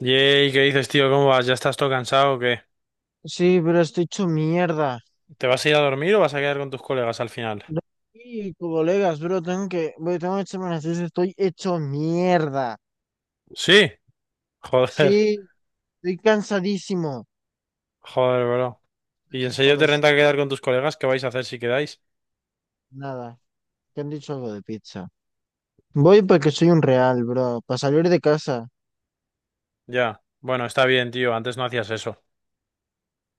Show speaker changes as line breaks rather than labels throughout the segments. Yey, ¿qué dices, tío? ¿Cómo vas? ¿Ya estás todo cansado o qué?
Sí, pero estoy hecho mierda.
¿Te vas a ir a dormir o vas a quedar con tus colegas al final?
No. Sí, colegas, bro, tengo que echarme una siesta, estoy hecho mierda.
Sí. Joder,
Sí, estoy cansadísimo.
joder, bro. ¿Y en
Hasta
serio te
los,
renta quedar con tus colegas? ¿Qué vais a hacer si quedáis?
nada, Que han dicho algo de pizza. Voy porque soy un real, bro, para salir de casa.
Ya. Bueno, está bien, tío. Antes no hacías eso.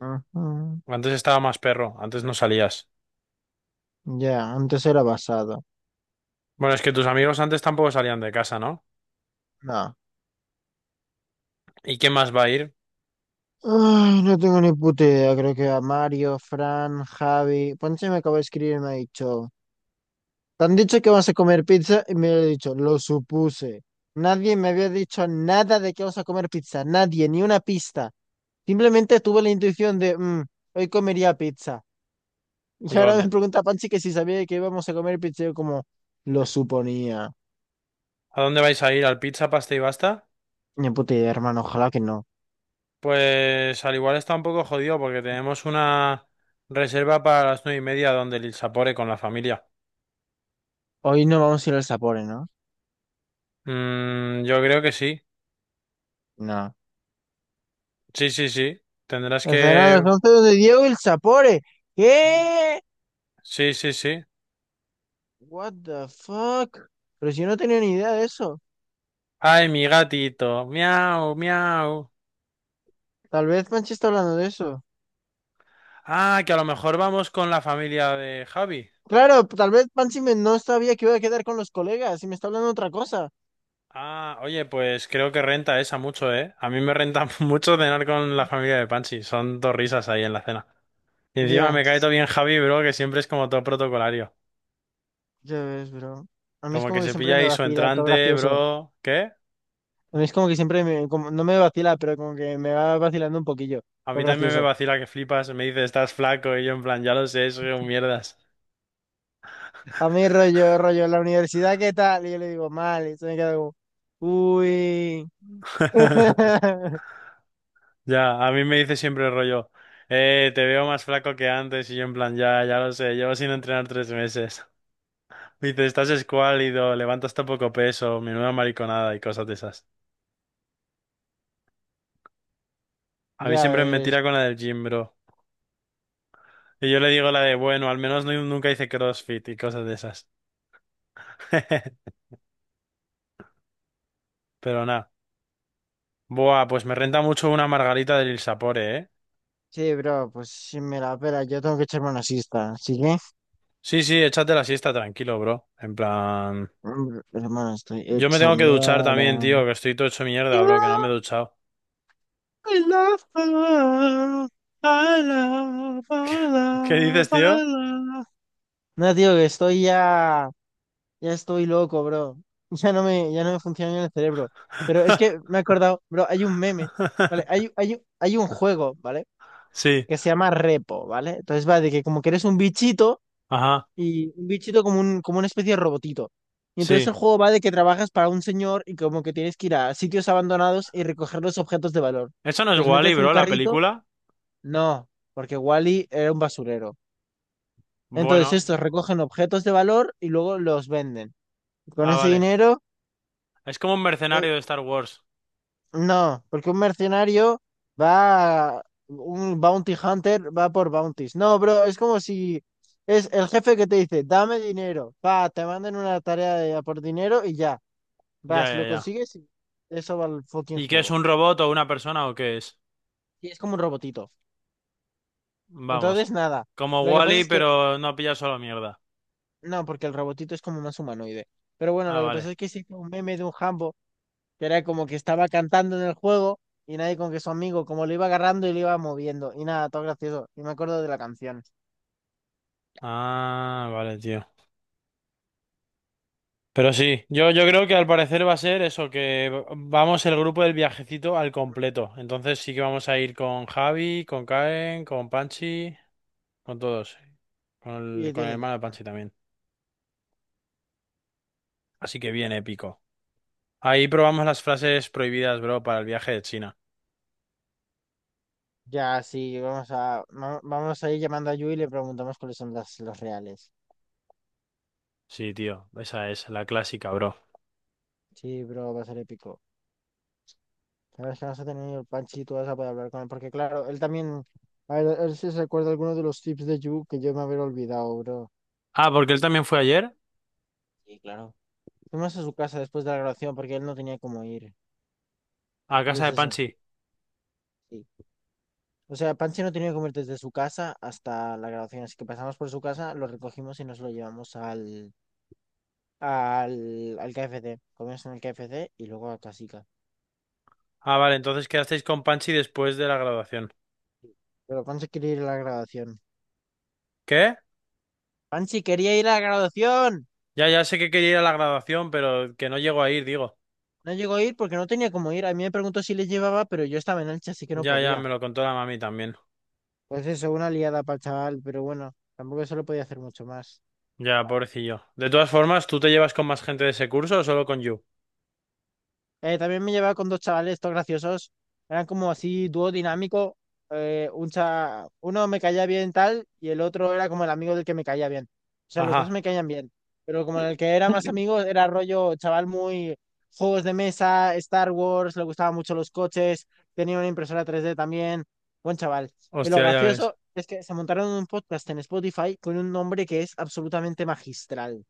Ujú.
Antes estaba más perro. Antes no salías.
Ya, antes era basado.
Bueno, es que tus amigos antes tampoco salían de casa, ¿no?
No.
¿Y quién más va a ir?
Ay, no tengo ni puta idea, creo que a Mario, Fran, Javi, Ponce me acaba de escribir y me ha dicho. Te han dicho que vas a comer pizza y me lo he dicho, lo supuse. Nadie me había dicho nada de que vas a comer pizza, nadie, ni una pista. Simplemente tuve la intuición de, "Mm, hoy comería pizza". Y ahora
God.
me pregunta Panchi que si sabía que íbamos a comer pizza, yo como, lo suponía.
¿A dónde vais a ir? ¿Al pizza, pasta y basta?
Ni puta idea, hermano, ojalá que no.
Pues al igual está un poco jodido porque tenemos una reserva para las 9:30 donde el Sapore con la familia.
Hoy no vamos a ir al Sapore, ¿no?
Mm, yo creo que sí.
No.
Sí, sí, sí. Tendrás
La cena a las
que...
11 de Diego y el Sapore. ¿Qué?
Sí, sí, sí.
What the fuck? Pero si yo no tenía ni idea de eso.
Ay, mi gatito. Miau, miau.
Tal vez Panchi está hablando de eso.
Ah, que a lo mejor vamos con la familia de Javi.
Claro, tal vez Pansy no sabía que iba a quedar con los colegas y me está hablando otra cosa.
Ah, oye, pues creo que renta esa mucho, ¿eh? A mí me renta mucho cenar con la familia de Panchi. Son dos risas ahí en la cena. Y encima
Ya,
me cae todo bien Javi, bro, que siempre es como todo protocolario.
ya ves, bro. A mí es
Como que
como que
se pilla
siempre me
ahí su
vacila, todo
entrante,
gracioso.
bro. ¿Qué?
A mí es como que siempre me, como, no me vacila, pero como que me va vacilando un poquillo,
A
todo
mí también me
gracioso.
vacila que flipas. Me dice, estás flaco. Y yo en plan, ya lo sé, soy un mierdas.
A mí rollo, rollo, la universidad, ¿qué tal? Y yo le digo, mal, y se me queda como, uy.
Ya, a mí me dice siempre el rollo, te veo más flaco que antes y yo en plan, ya, ya lo sé, llevo sin entrenar 3 meses. Me dice, estás escuálido, levantas tan poco peso, menuda mariconada y cosas de esas. A mí
Ya
siempre me
ves.
tira con la del gym, bro. Y yo le digo la de, bueno, al menos nunca hice CrossFit y cosas de esas. Pero nada. Buah, pues me renta mucho una margarita del Il Sapore, ¿eh?
Sí, bro, pues sí me la pela, yo tengo que echar una siesta, ¿sí que?
Sí, sí, échate la siesta tranquilo, bro. En plan...
Mm, hermano, estoy
Yo me
hecho
tengo que duchar
mierda.
también, tío, que estoy todo hecho mierda, bro, que no me he duchado.
I love, I love,
¿Qué dices,
I
tío?
love. No, tío, que estoy ya, ya estoy loco, bro. Ya no me funciona bien el cerebro. Pero es que me he acordado, bro, hay un meme, ¿vale? Hay un juego, ¿vale?
Sí,
Que se llama Repo, ¿vale? Entonces va de que como que eres un bichito
ajá,
y un bichito como un, como una especie de robotito. Y entonces
sí.
el juego va de que trabajas para un señor y como que tienes que ir a sitios abandonados y recoger los objetos de valor.
¿Eso no es
Los
Wally,
metes en un
bro, la
carrito,
película?
no, porque Wally era un basurero. Entonces
Bueno,
estos recogen objetos de valor y luego los venden. Con
ah,
ese
vale.
dinero,
Es como un
eh,
mercenario de Star Wars.
no, porque un mercenario va, un bounty hunter va por bounties. No, bro, es como si es el jefe que te dice, dame dinero, va, te mandan una tarea de, a por dinero y ya,
Ya,
vas,
ya,
lo
ya.
consigues y eso va al fucking
¿Y qué es
juego.
un robot o una persona o qué es?
Y es como un robotito.
Vamos,
Entonces, nada,
como
lo que pasa
Wally,
es que...
pero no pilla solo mierda.
No, porque el robotito es como más humanoide. Pero bueno,
Ah,
lo que
vale.
pasó es que hice un meme de un Hambo que era como que estaba cantando en el juego y nadie con que su amigo, como lo iba agarrando y lo iba moviendo. Y nada, todo gracioso. Y me acuerdo de la canción.
Ah, vale, tío. Pero sí, yo creo que al parecer va a ser eso, que vamos el grupo del viajecito al completo. Entonces sí que vamos a ir con Javi, con Karen, con Panchi. Con todos,
Y
con el
tiene
hermano de
pinta.
Panchi también. Así que bien épico. Ahí probamos las frases prohibidas, bro, para el viaje de China.
Ya, sí, vamos a ir llamando a Yu y le preguntamos cuáles son las, los reales.
Sí, tío, esa es la clásica, bro.
Sí, bro, va a ser épico. La verdad es que vamos a tener el Panchi y tú vas a poder hablar con él. Porque claro, él también, a ver, él sí se acuerda alguno de los tips de Yu que yo me haber olvidado, bro.
Ah, porque él también fue ayer
Sí, claro. Fuimos a su casa después de la grabación porque él no tenía cómo ir.
a casa
Entonces
de
eso,
Panchi.
sí. O sea, Pansy no tenía cómo ir desde su casa hasta la grabación, así que pasamos por su casa, lo recogimos y nos lo llevamos al KFC. Comimos en el KFC y luego a Casica.
Ah, vale, entonces quedasteis con Panchi después de la graduación.
Sí. Pero Pansy quería ir a la grabación.
¿Qué?
Pansy quería ir a la grabación.
Ya, ya sé que quería ir a la graduación, pero que no llegó a ir, digo.
No llegó a ir porque no tenía cómo ir. A mí me preguntó si le llevaba, pero yo estaba en Elche, así que no
Ya, ya,
podía.
me lo contó la mami también.
Pues eso, una liada para el chaval, pero bueno, tampoco se lo podía hacer mucho más.
Ya, pobrecillo. De todas formas, ¿tú te llevas con más gente de ese curso o solo con Yu?
También me llevaba con dos chavales, estos graciosos. Eran como así, dúo dinámico. Uno me caía bien tal y el otro era como el amigo del que me caía bien. O sea, los dos
Ajá,
me caían bien. Pero como el que era más amigo era rollo chaval muy juegos de mesa, Star Wars, le gustaban mucho los coches, tenía una impresora 3D también. Buen chaval. Y lo
hostia, ya ves.
gracioso es que se montaron un podcast en Spotify con un nombre que es absolutamente magistral.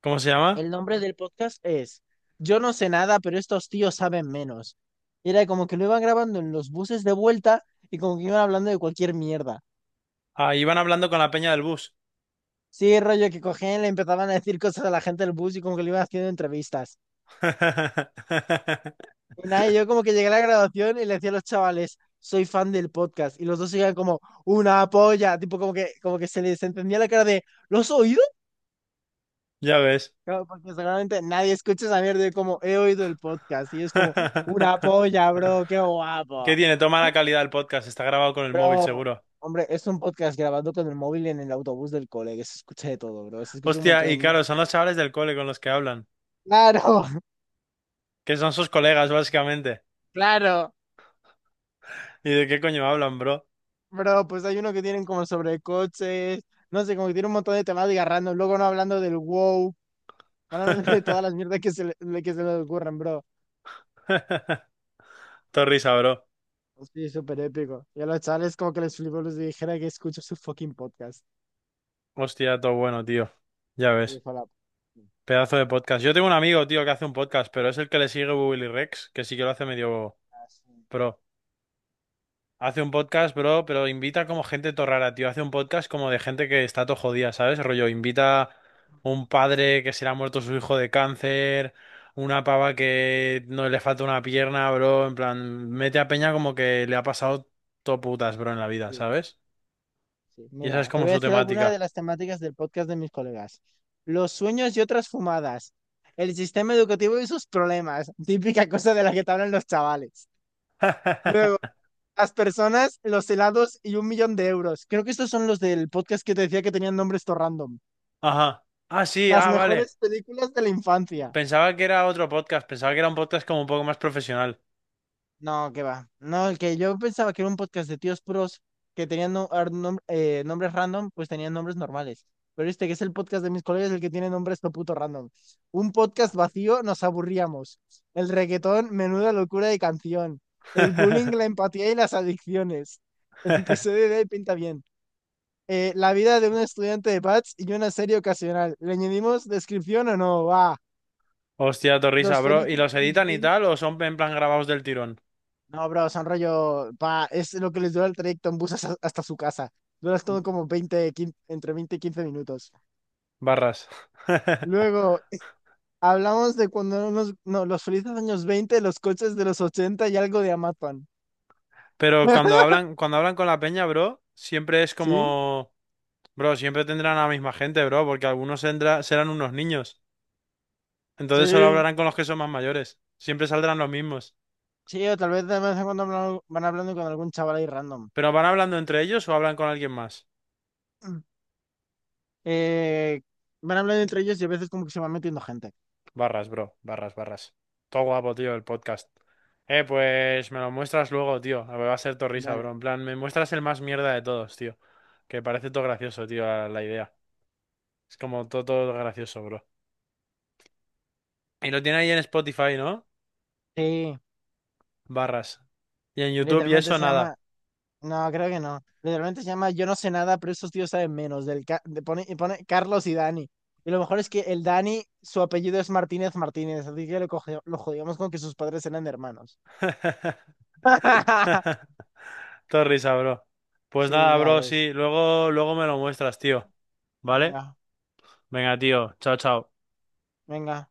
¿Cómo se llama?
El nombre del podcast es "Yo no sé nada, pero estos tíos saben menos". Y era como que lo iban grabando en los buses de vuelta y como que iban hablando de cualquier mierda.
Ah, iban hablando con la peña del bus.
Sí, rollo que cogían, le empezaban a decir cosas a la gente del bus y como que le iban haciendo entrevistas. Y nada, y yo como que llegué a la graduación y le decía a los chavales, soy fan del podcast. Y los dos iban como, una polla, tipo como que se les entendía la cara de, ¿lo has oído?
Ya ves.
Claro, porque seguramente nadie escucha esa mierda de como, he oído el podcast. Y es como, una polla, bro, qué guapo.
¿Qué tiene? Toma la calidad del podcast. Está grabado con el móvil,
Pero,
seguro.
hombre, es un podcast grabado con el móvil en el autobús del cole, que se escucha de todo, bro. Se escucha un
Hostia,
montón de
y
niños.
claro, son los chavales del cole con los que hablan.
Claro.
Que son sus colegas, básicamente.
Claro,
¿Y de qué coño hablan, bro?
bro, pues hay uno que tienen como sobre coches, no sé, como que tiene un montón de temáticas random, luego no hablando del wow, van hablando de todas las mierdas que que se les ocurren, bro.
Todo risa, bro.
Sí, súper épico. Y a los chavales como que les flipó, les dijera que escucho su fucking podcast.
Hostia, todo bueno, tío. Ya
Y
ves.
fue la...
Pedazo de podcast. Yo tengo un amigo, tío, que hace un podcast, pero es el que le sigue Willy Rex, que sí que lo hace medio
Ah, sí,
pro. Hace un podcast, bro, pero invita como gente todo rara, tío. Hace un podcast como de gente que está todo jodida, ¿sabes? Rollo, invita un padre que se le ha muerto su hijo de cáncer, una pava que no le falta una pierna, bro. En plan, mete a peña como que le ha pasado todo putas, bro, en la vida,
sí.
¿sabes?
Sí,
Y esa es
mira, te
como
voy a
su
decir algunas de
temática.
las temáticas del podcast de mis colegas. Los sueños y otras fumadas. El sistema educativo y sus problemas. Típica cosa de la que te hablan los chavales. Luego, las personas, los helados y 1 millón de euros. Creo que estos son los del podcast que te decía que tenían nombres todo random.
Ajá. Ah, sí,
Las
ah, vale.
mejores películas de la infancia.
Pensaba que era otro podcast, pensaba que era un podcast como un poco más profesional.
No, que va. No, el que yo pensaba que era un podcast de tíos puros que tenían nombres random, pues tenían nombres normales. Pero este que es el podcast de mis colegas, el que tiene nombres todo puto random. Un podcast vacío, nos aburríamos. El reggaetón, menuda locura de canción. El bullying, la empatía y las adicciones. El episodio de hoy pinta bien. La vida de un estudiante de PATS y una serie ocasional. ¿Le añadimos descripción o no? Va.
Hostia, torrisa,
Los
bro. ¿Y
felices
los
años...
editan y tal o son en plan grabados del tirón?
No, bro, son rollo, pa, es lo que les dura el trayecto en bus hasta su casa. Duras todo como 20 15 entre 20 y 15 minutos.
Barras.
Luego, hablamos de cuando unos, no, los felices años 20, los coches de los 80 y algo de Amazon.
Pero cuando hablan con la peña, bro, siempre es
¿Sí?
como, bro, siempre tendrán a la misma gente, bro, porque algunos serán unos niños. Entonces solo
Sí.
hablarán con los que son más mayores. Siempre saldrán los mismos.
Sí, o tal vez de vez en cuando van hablando con algún chaval ahí random.
¿Pero van hablando entre ellos o hablan con alguien más?
Eh, van hablando entre ellos y a veces como que se va metiendo gente.
Barras, bro, barras, barras. Todo guapo, tío, el podcast. Pues me lo muestras luego, tío. A ver, va a ser todo risa, bro.
Dale.
En plan, me muestras el más mierda de todos, tío. Que parece todo gracioso, tío, la idea. Es como todo, todo gracioso, bro. Y lo tiene ahí en Spotify, ¿no?
Sí,
Barras. Y en YouTube y
literalmente
eso
se llama...
nada.
No, creo que no. Literalmente se llama "Yo no sé nada, pero esos tíos saben menos". Pone, y pone Carlos y Dani. Y lo mejor es que el Dani, su apellido es Martínez Martínez, así que lo, lo jodíamos con que sus padres eran hermanos.
Todo risa, bro. Pues
Sí,
nada,
ya
bro,
es.
sí. Luego, luego me lo muestras, tío. ¿Vale?
Venga,
Venga, tío. Chao, chao.
venga.